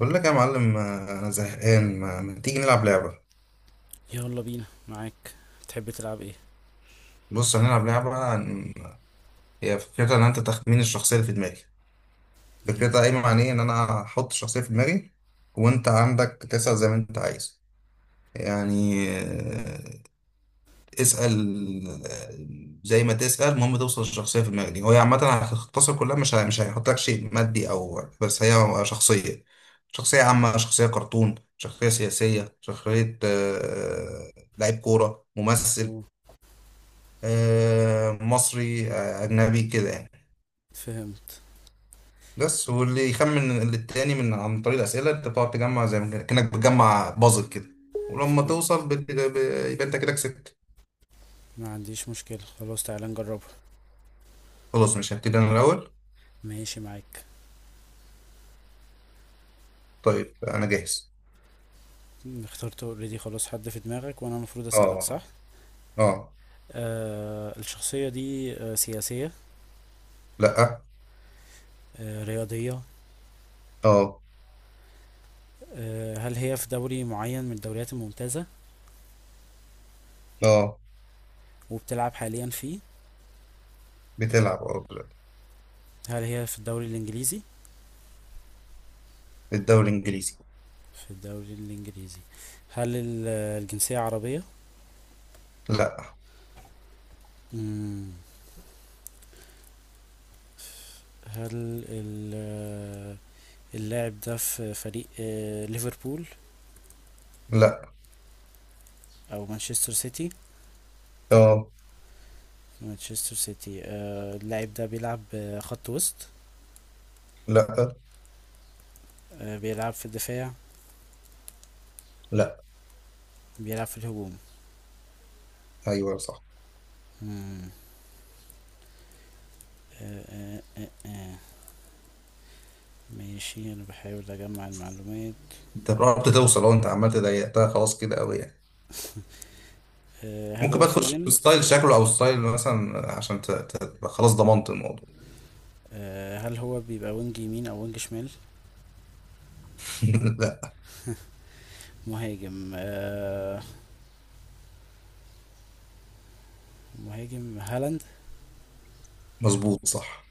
بقول لك يا معلم، انا زهقان. ما تيجي نلعب لعبه. يلا بينا معاك. تحب تلعب ايه؟ بص هنلعب لعبه هي فكرتها ان انت تخمين الشخصيه اللي في دماغي. فكرتها مم. قايمه عن ايه؟ ان انا احط الشخصيه في دماغي، وانت عندك تسال زي ما انت عايز. يعني اسال زي ما تسال. المهم توصل للشخصيه في دماغي دي. هو عامه هتختصر كلها، مش هيحط لك شيء مادي، او بس هي شخصيه: شخصيه عامه، شخصيه كرتون، شخصيه سياسيه، شخصيه لعيب كوره، ممثل، أوه، مصري أجنبي، كده يعني. فهمت بس واللي يخمن للتاني عن طريق الأسئلة، أنت بتقعد تجمع زي ما كأنك بتجمع بازل كده. ولما فهمت. توصل يبقى أنت كده كسبت. ما عنديش مشكلة خلاص. تعالى نجربها. خلاص، مش هبتدي أنا الأول. ماشي معاك. طيب، أنا جاهز. اخترت اوريدي خلاص حد في دماغك وانا المفروض اسألك صح؟ أه، أه. الشخصية دي سياسية؟ لأ. رياضية؟ أه، هل هي في دوري معين من الدوريات الممتازة أه. وبتلعب حاليا فيه؟ بتلعب، أه، دلوقتي. هل هي في الدوري الانجليزي؟ الدوري الإنجليزي. في الدوري الانجليزي. هل ال- الجنسية عربية؟ لأ. مم. هل ال اللاعب ده في فريق ليفربول لأ. او مانشستر سيتي؟ أه. مانشستر سيتي. اللاعب ده بيلعب خط وسط؟ لأ. بيلعب في الدفاع؟ لأ. بيلعب في الهجوم؟ أيوه، صح. مم. آه، آه، آه، آه. ماشي انا بحاول اجمع المعلومات. أنت قربت توصل، أنت عمال تضيقتها خلاص كده أوي يعني. هل ممكن هو بقى تخش فودن؟ بستايل شكله او ستايل مثلا، عشان تبقى خلاص ضمنت الموضوع. هل هو بيبقى وينج يمين او وينج شمال؟ لا. مهاجم. مهاجم هالاند. مظبوط، صح.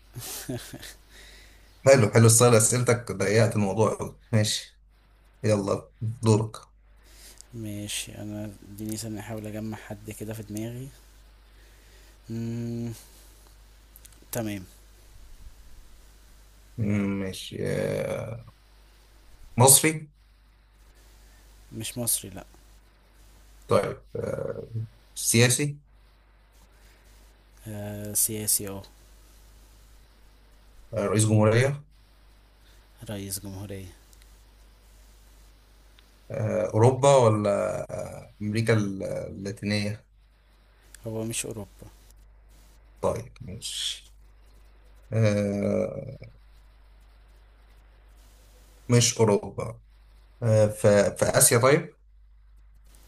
حلو، حلو، ستايل اسئلتك ضيقت الموضوع أوي. ماشي. يلا، دورك. ماشي انا، اديني ثانية احاول اجمع حد كده في دماغي. مم. تمام. ماشي. مصري. مش مصري لا. طيب، سياسي. سياسي اه. رئيس جمهورية. رئيس جمهورية. أوروبا، ولا أمريكا اللاتينية؟ هو مش أوروبا. طيب، ماشي. آه، مش أوروبا. في آسيا؟ طيب،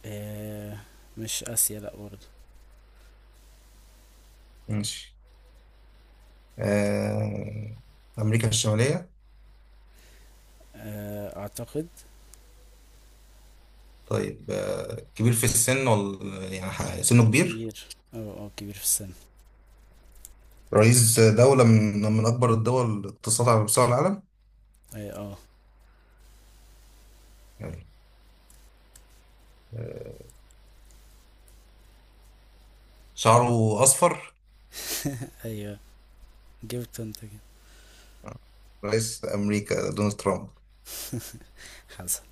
آه مش آسيا لأ برضه. ماشي. آه، أمريكا الشمالية. آه أعتقد. طيب، كبير في السن، ولا يعني سنه كبير؟ كبير اه اه، كبير في السن. رئيس دولة من أكبر الدول اقتصادا على مستوى العالم. اه اه. يلا. آه، شعره أصفر. أيوه. جبت انت كده. آه، رئيس أمريكا دونالد ترامب. حصل،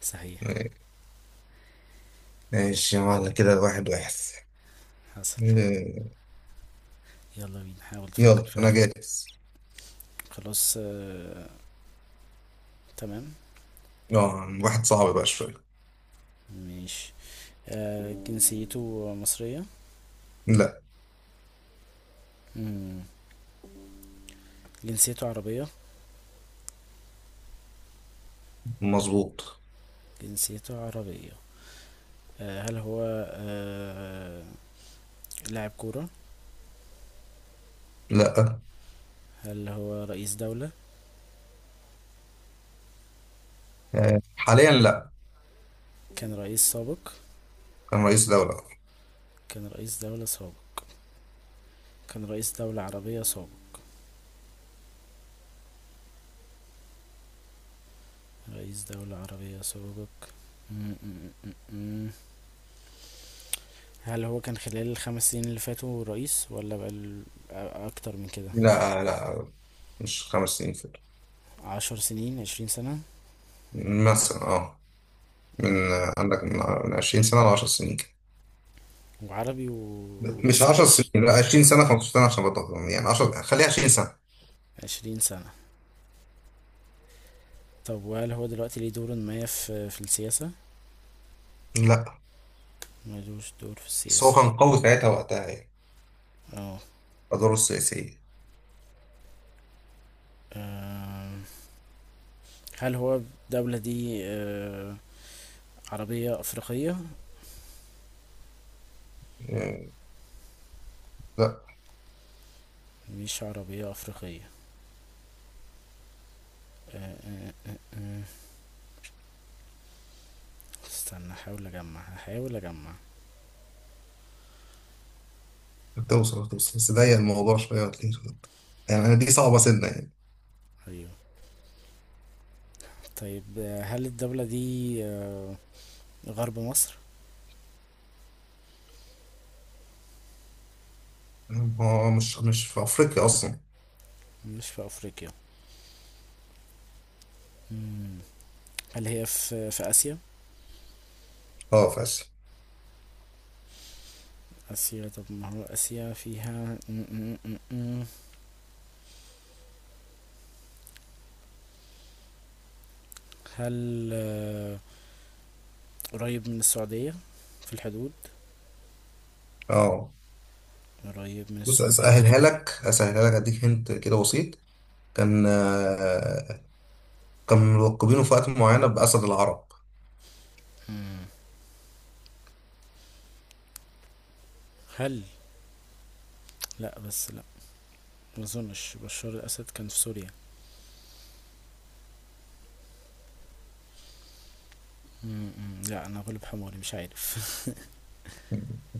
صحيح. آه، ماشي، معنا كده واحد واحد. حصل. آه، يلا بينا، حاول تفكر يلا، في أنا حد. جاهز. خلاص آه، تمام. اه واحد صعب بقى شوية. ماشي. جنسيته مصرية؟ لا. مم. جنسيته عربية. مظبوط. جنسيته عربية. هل هو آه لاعب كورة؟ لا. هل هو رئيس دولة؟ حاليا لا. كان رئيس سابق. كان رئيس دولة. كان رئيس دولة سابق. كان رئيس دولة عربية سابق. رئيس دولة عربية سابق. م- م- م- م. هل هو كان خلال ال5 سنين اللي فاتوا رئيس ولا بقى أكتر من كده؟ لا، لا. مش 5 سنين فاتوا. 10 سنين، 20 سنة. مثلا، اه. من م. عندك، من 20 سنة ل 10 سنين كده. وعربي مش ولسه 10 عايش؟ سنين، لا، 20 سنة، 15 سنة، عشان بطل يعني 10، خليها 20 سنة. 20 سنة. طب وهل هو دلوقتي ليه دور ما في السياسة؟ لا، ملوش دور في بس هو السياسة. كان قوي ساعتها وقتها، يعني اه. أدواره السياسية. آم، هل هو الدولة دي عربية أفريقية؟ يعني لا. مش عربية أفريقية. آه، آه، آه، آه. استنى أحاول أجمع هحاول أجمع. هتوصل، هتوصل، بس ضيق الموضوع شوية وتلاقيه. خد. يعني أنا دي صعبة سنة يعني. أيوه. طيب هل الدولة دي غرب مصر؟ هو مش في أفريقيا أصلا. مش في أفريقيا. مم. هل هي في آسيا؟ اه، في آسيا. آسيا. طب ما هو آسيا فيها م- م- م- م. هل قريب من السعودية في الحدود؟ اه. قريب من بص، السعودية. أسهلها لك، أسهلها لك، أديك هنت كده، بسيط. كان آه، كانوا ملقبينه في وقت معينة بأسد العرب. هل، لا بس لا، ما اظنش بشار الاسد كان في سوريا. م- م. لا انا غلب حماري مش عارف.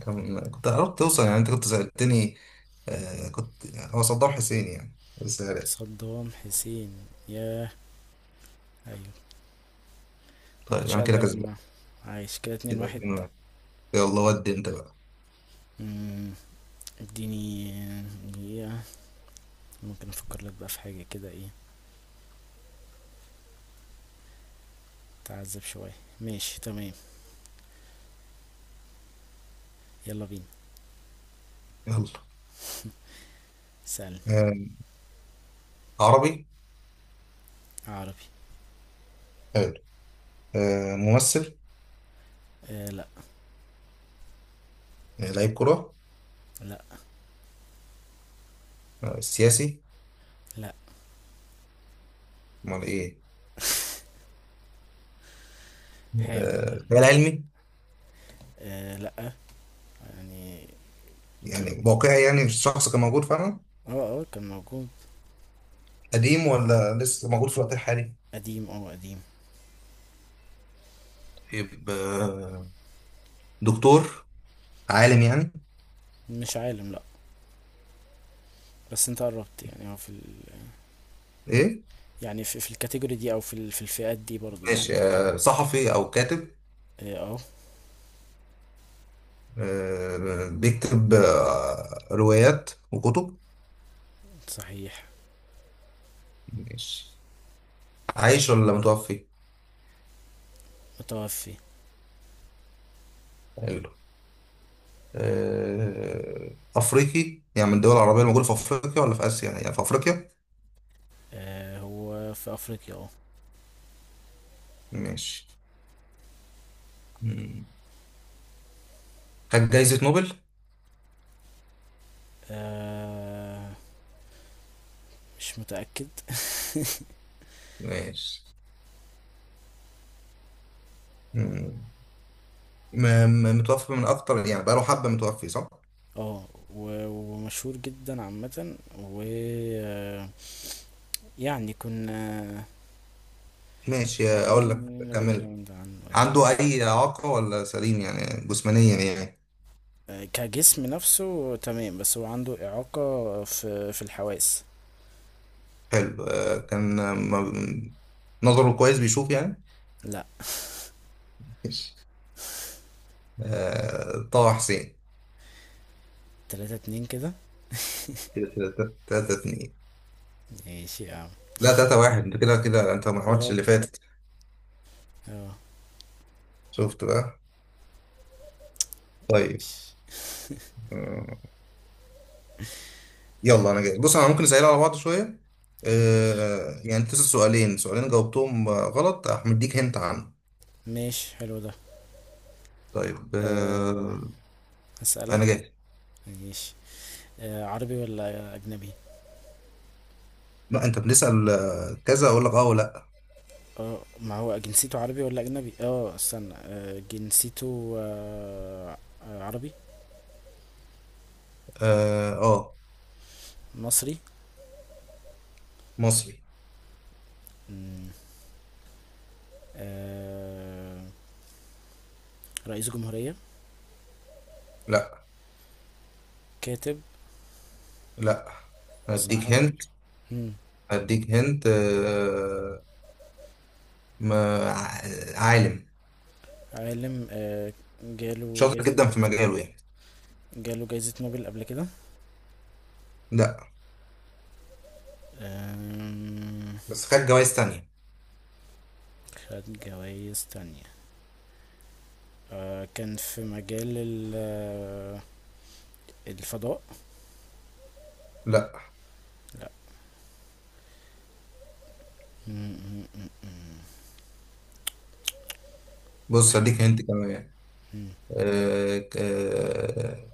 كنت قربت توصل يعني، انت كنت سألتني. كنت يعني هو صدام حسين يعني، بس يعني. صدام حسين، ياه! ايوه. ما طيب، كنتش انا كده قادر كسبان. اجمع. عايش كده اتنين كده واحد 2-1. يلا، ودي انت بقى. مم، اديني دقيقة ممكن افكر لك بقى في حاجة كده ايه. تعذب شوية. ماشي تمام. يلا بينا. يلا. سأل. آه عربي. عربي. حلو. ممثل. آه لا لعيب كرة. لا سياسي. لا. امال ايه؟ حاول. خيال علمي. آه لا يعني. كمل. يعني واقعي، يعني الشخص كان موجود فعلا. اه اه كان موجود. قديم ولا لسه موجود في الوقت الحالي؟ قديم اه قديم. طيب، دكتور، عالم يعني. مش عالم لا. بس انت قربت، يعني هو في ال... ايه. يعني في الكاتيجوري دي او في ال... في الفئات دي برضو ماشي، يعني. كمل. صحفي او كاتب. اه. بيكتب روايات وكتب. صحيح. ماشي. عايش ولا متوفي؟ متوفي. حلو. افريقي، يعني من الدول العربيه الموجوده في افريقيا ولا في اسيا؟ يعني في افريقيا. آه هو في افريقيا اه. ماشي. مم. خد جايزه نوبل. آه، مش متأكد. ماشي. مم. م- متوفي من اكتر، يعني بقاله حبه متوفي، صح؟ اه ومشهور جدا عامة و آه، يعني كنا ماشي، اقول لك، اغلبنا باك كمل. جراوند عنه يعني. عنده أي إعاقة ولا سليم يعني جسمانيا يعني؟ كجسم نفسه تمام، بس هو عنده إعاقة في الحواس. حلو. نظره كويس، بيشوف يعني؟ لا. ماشي. طه حسين. 3-2 كده. كده تلاتة، 3-2. ماشي يا عم. لا، 3-1. انت كده انت ما يا عملتش رب اللي فاتت. اه. شفت بقى. طيب. ماشي آه، آه، يلا، انا جاي. بص، انا ممكن اسأل على بعض شوية. ماشي. يعني تسأل سؤالين، سؤالين جاوبتهم غلط، هديك هنت عنه. ماشي حلو ده. طيب، أه انا هسألك. جاي. ماشي. عربي ولا أجنبي؟ لا، انت بنسأل كذا اقول لك، اه ولا. اه ما هو جنسيته عربي ولا أجنبي، اه استنى، جنسيته عربي. اه، مصري. مصري. مم، آه، رئيس جمهورية؟ لا، كاتب؟ لا. هديك صحفي؟ هنت. مم، هديك هنت. ما عالم، عالم. جاله شاطر جايزة. جدا في مجاله يعني. جاله جايزة نوبل قبل كده؟ لا، آم، بس خد جوائز تانية. خد جوايز تانية. كان في مجال الفضاء؟ لا. لا. مم، مم، مم، مم. بص، هديك بح- هنت كمان. مم. آه، آه،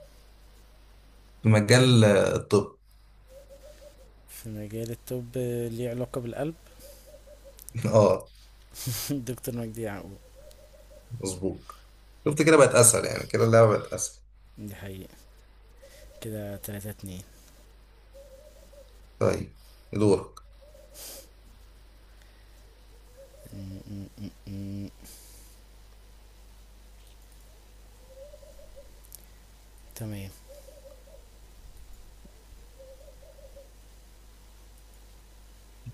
في مجال الطب. في مجال الطب. ليه علاقة بالقلب؟ اه. دكتور مجدي يعقوب. مظبوط. شفت كده بقت اسهل يعني، كده اللعبة بقت اسهل. دي حقيقة. كده 3-2. طيب، دورك. م- م- م- م. تمام.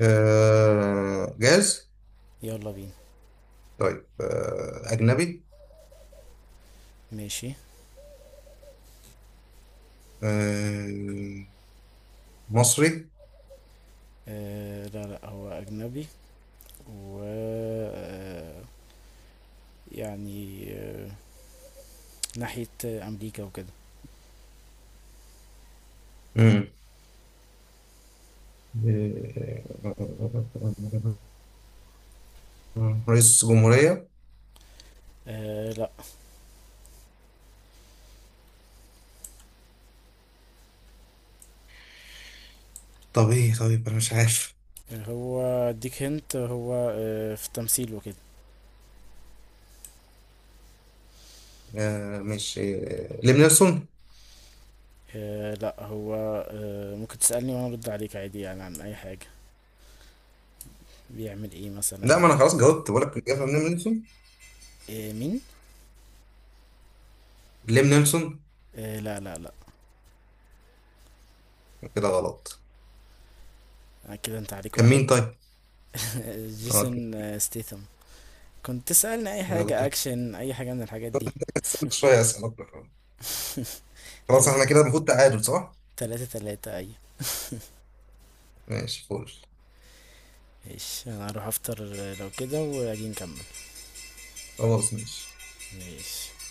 جاهز. يلا بينا. طيب، اجنبي. ماشي. آه، مصري. آه لا لا، هو أجنبي. و آه، يعني آه ناحية أمريكا وكده. آه، رئيس جمهورية. آه لا. طب ايه؟ طيب، انا مش عارف. هو اديك هنت، هو آه في تمثيل وكده. مش ليم نيلسون؟ آه لا، هو آه ممكن تسألني وأنا أرد عليك عادي يعني عن أي حاجة. بيعمل ايه لا، ما مثلا؟ انا خلاص جاوبت، بقول لك الإجابة ليم نيلسون. آه مين؟ ليم نيلسون. آه لا لا لا. كده غلط؟ كده انت عليك كان واحد. مين طيب؟ اه، كده جيسون ستيثم. كنت تسألني اي غلط. حاجة اكشن، اي حاجة من الحاجات دي. استنى شوية، اسأل أكتر. خلاص، تلاتة احنا كده المفروض تعادل، صح؟ تلاتة 3 اي ماشي، فول. ماشي انا هروح افطر لو كده واجي نكمل. خلاص، ماشي. ماشي.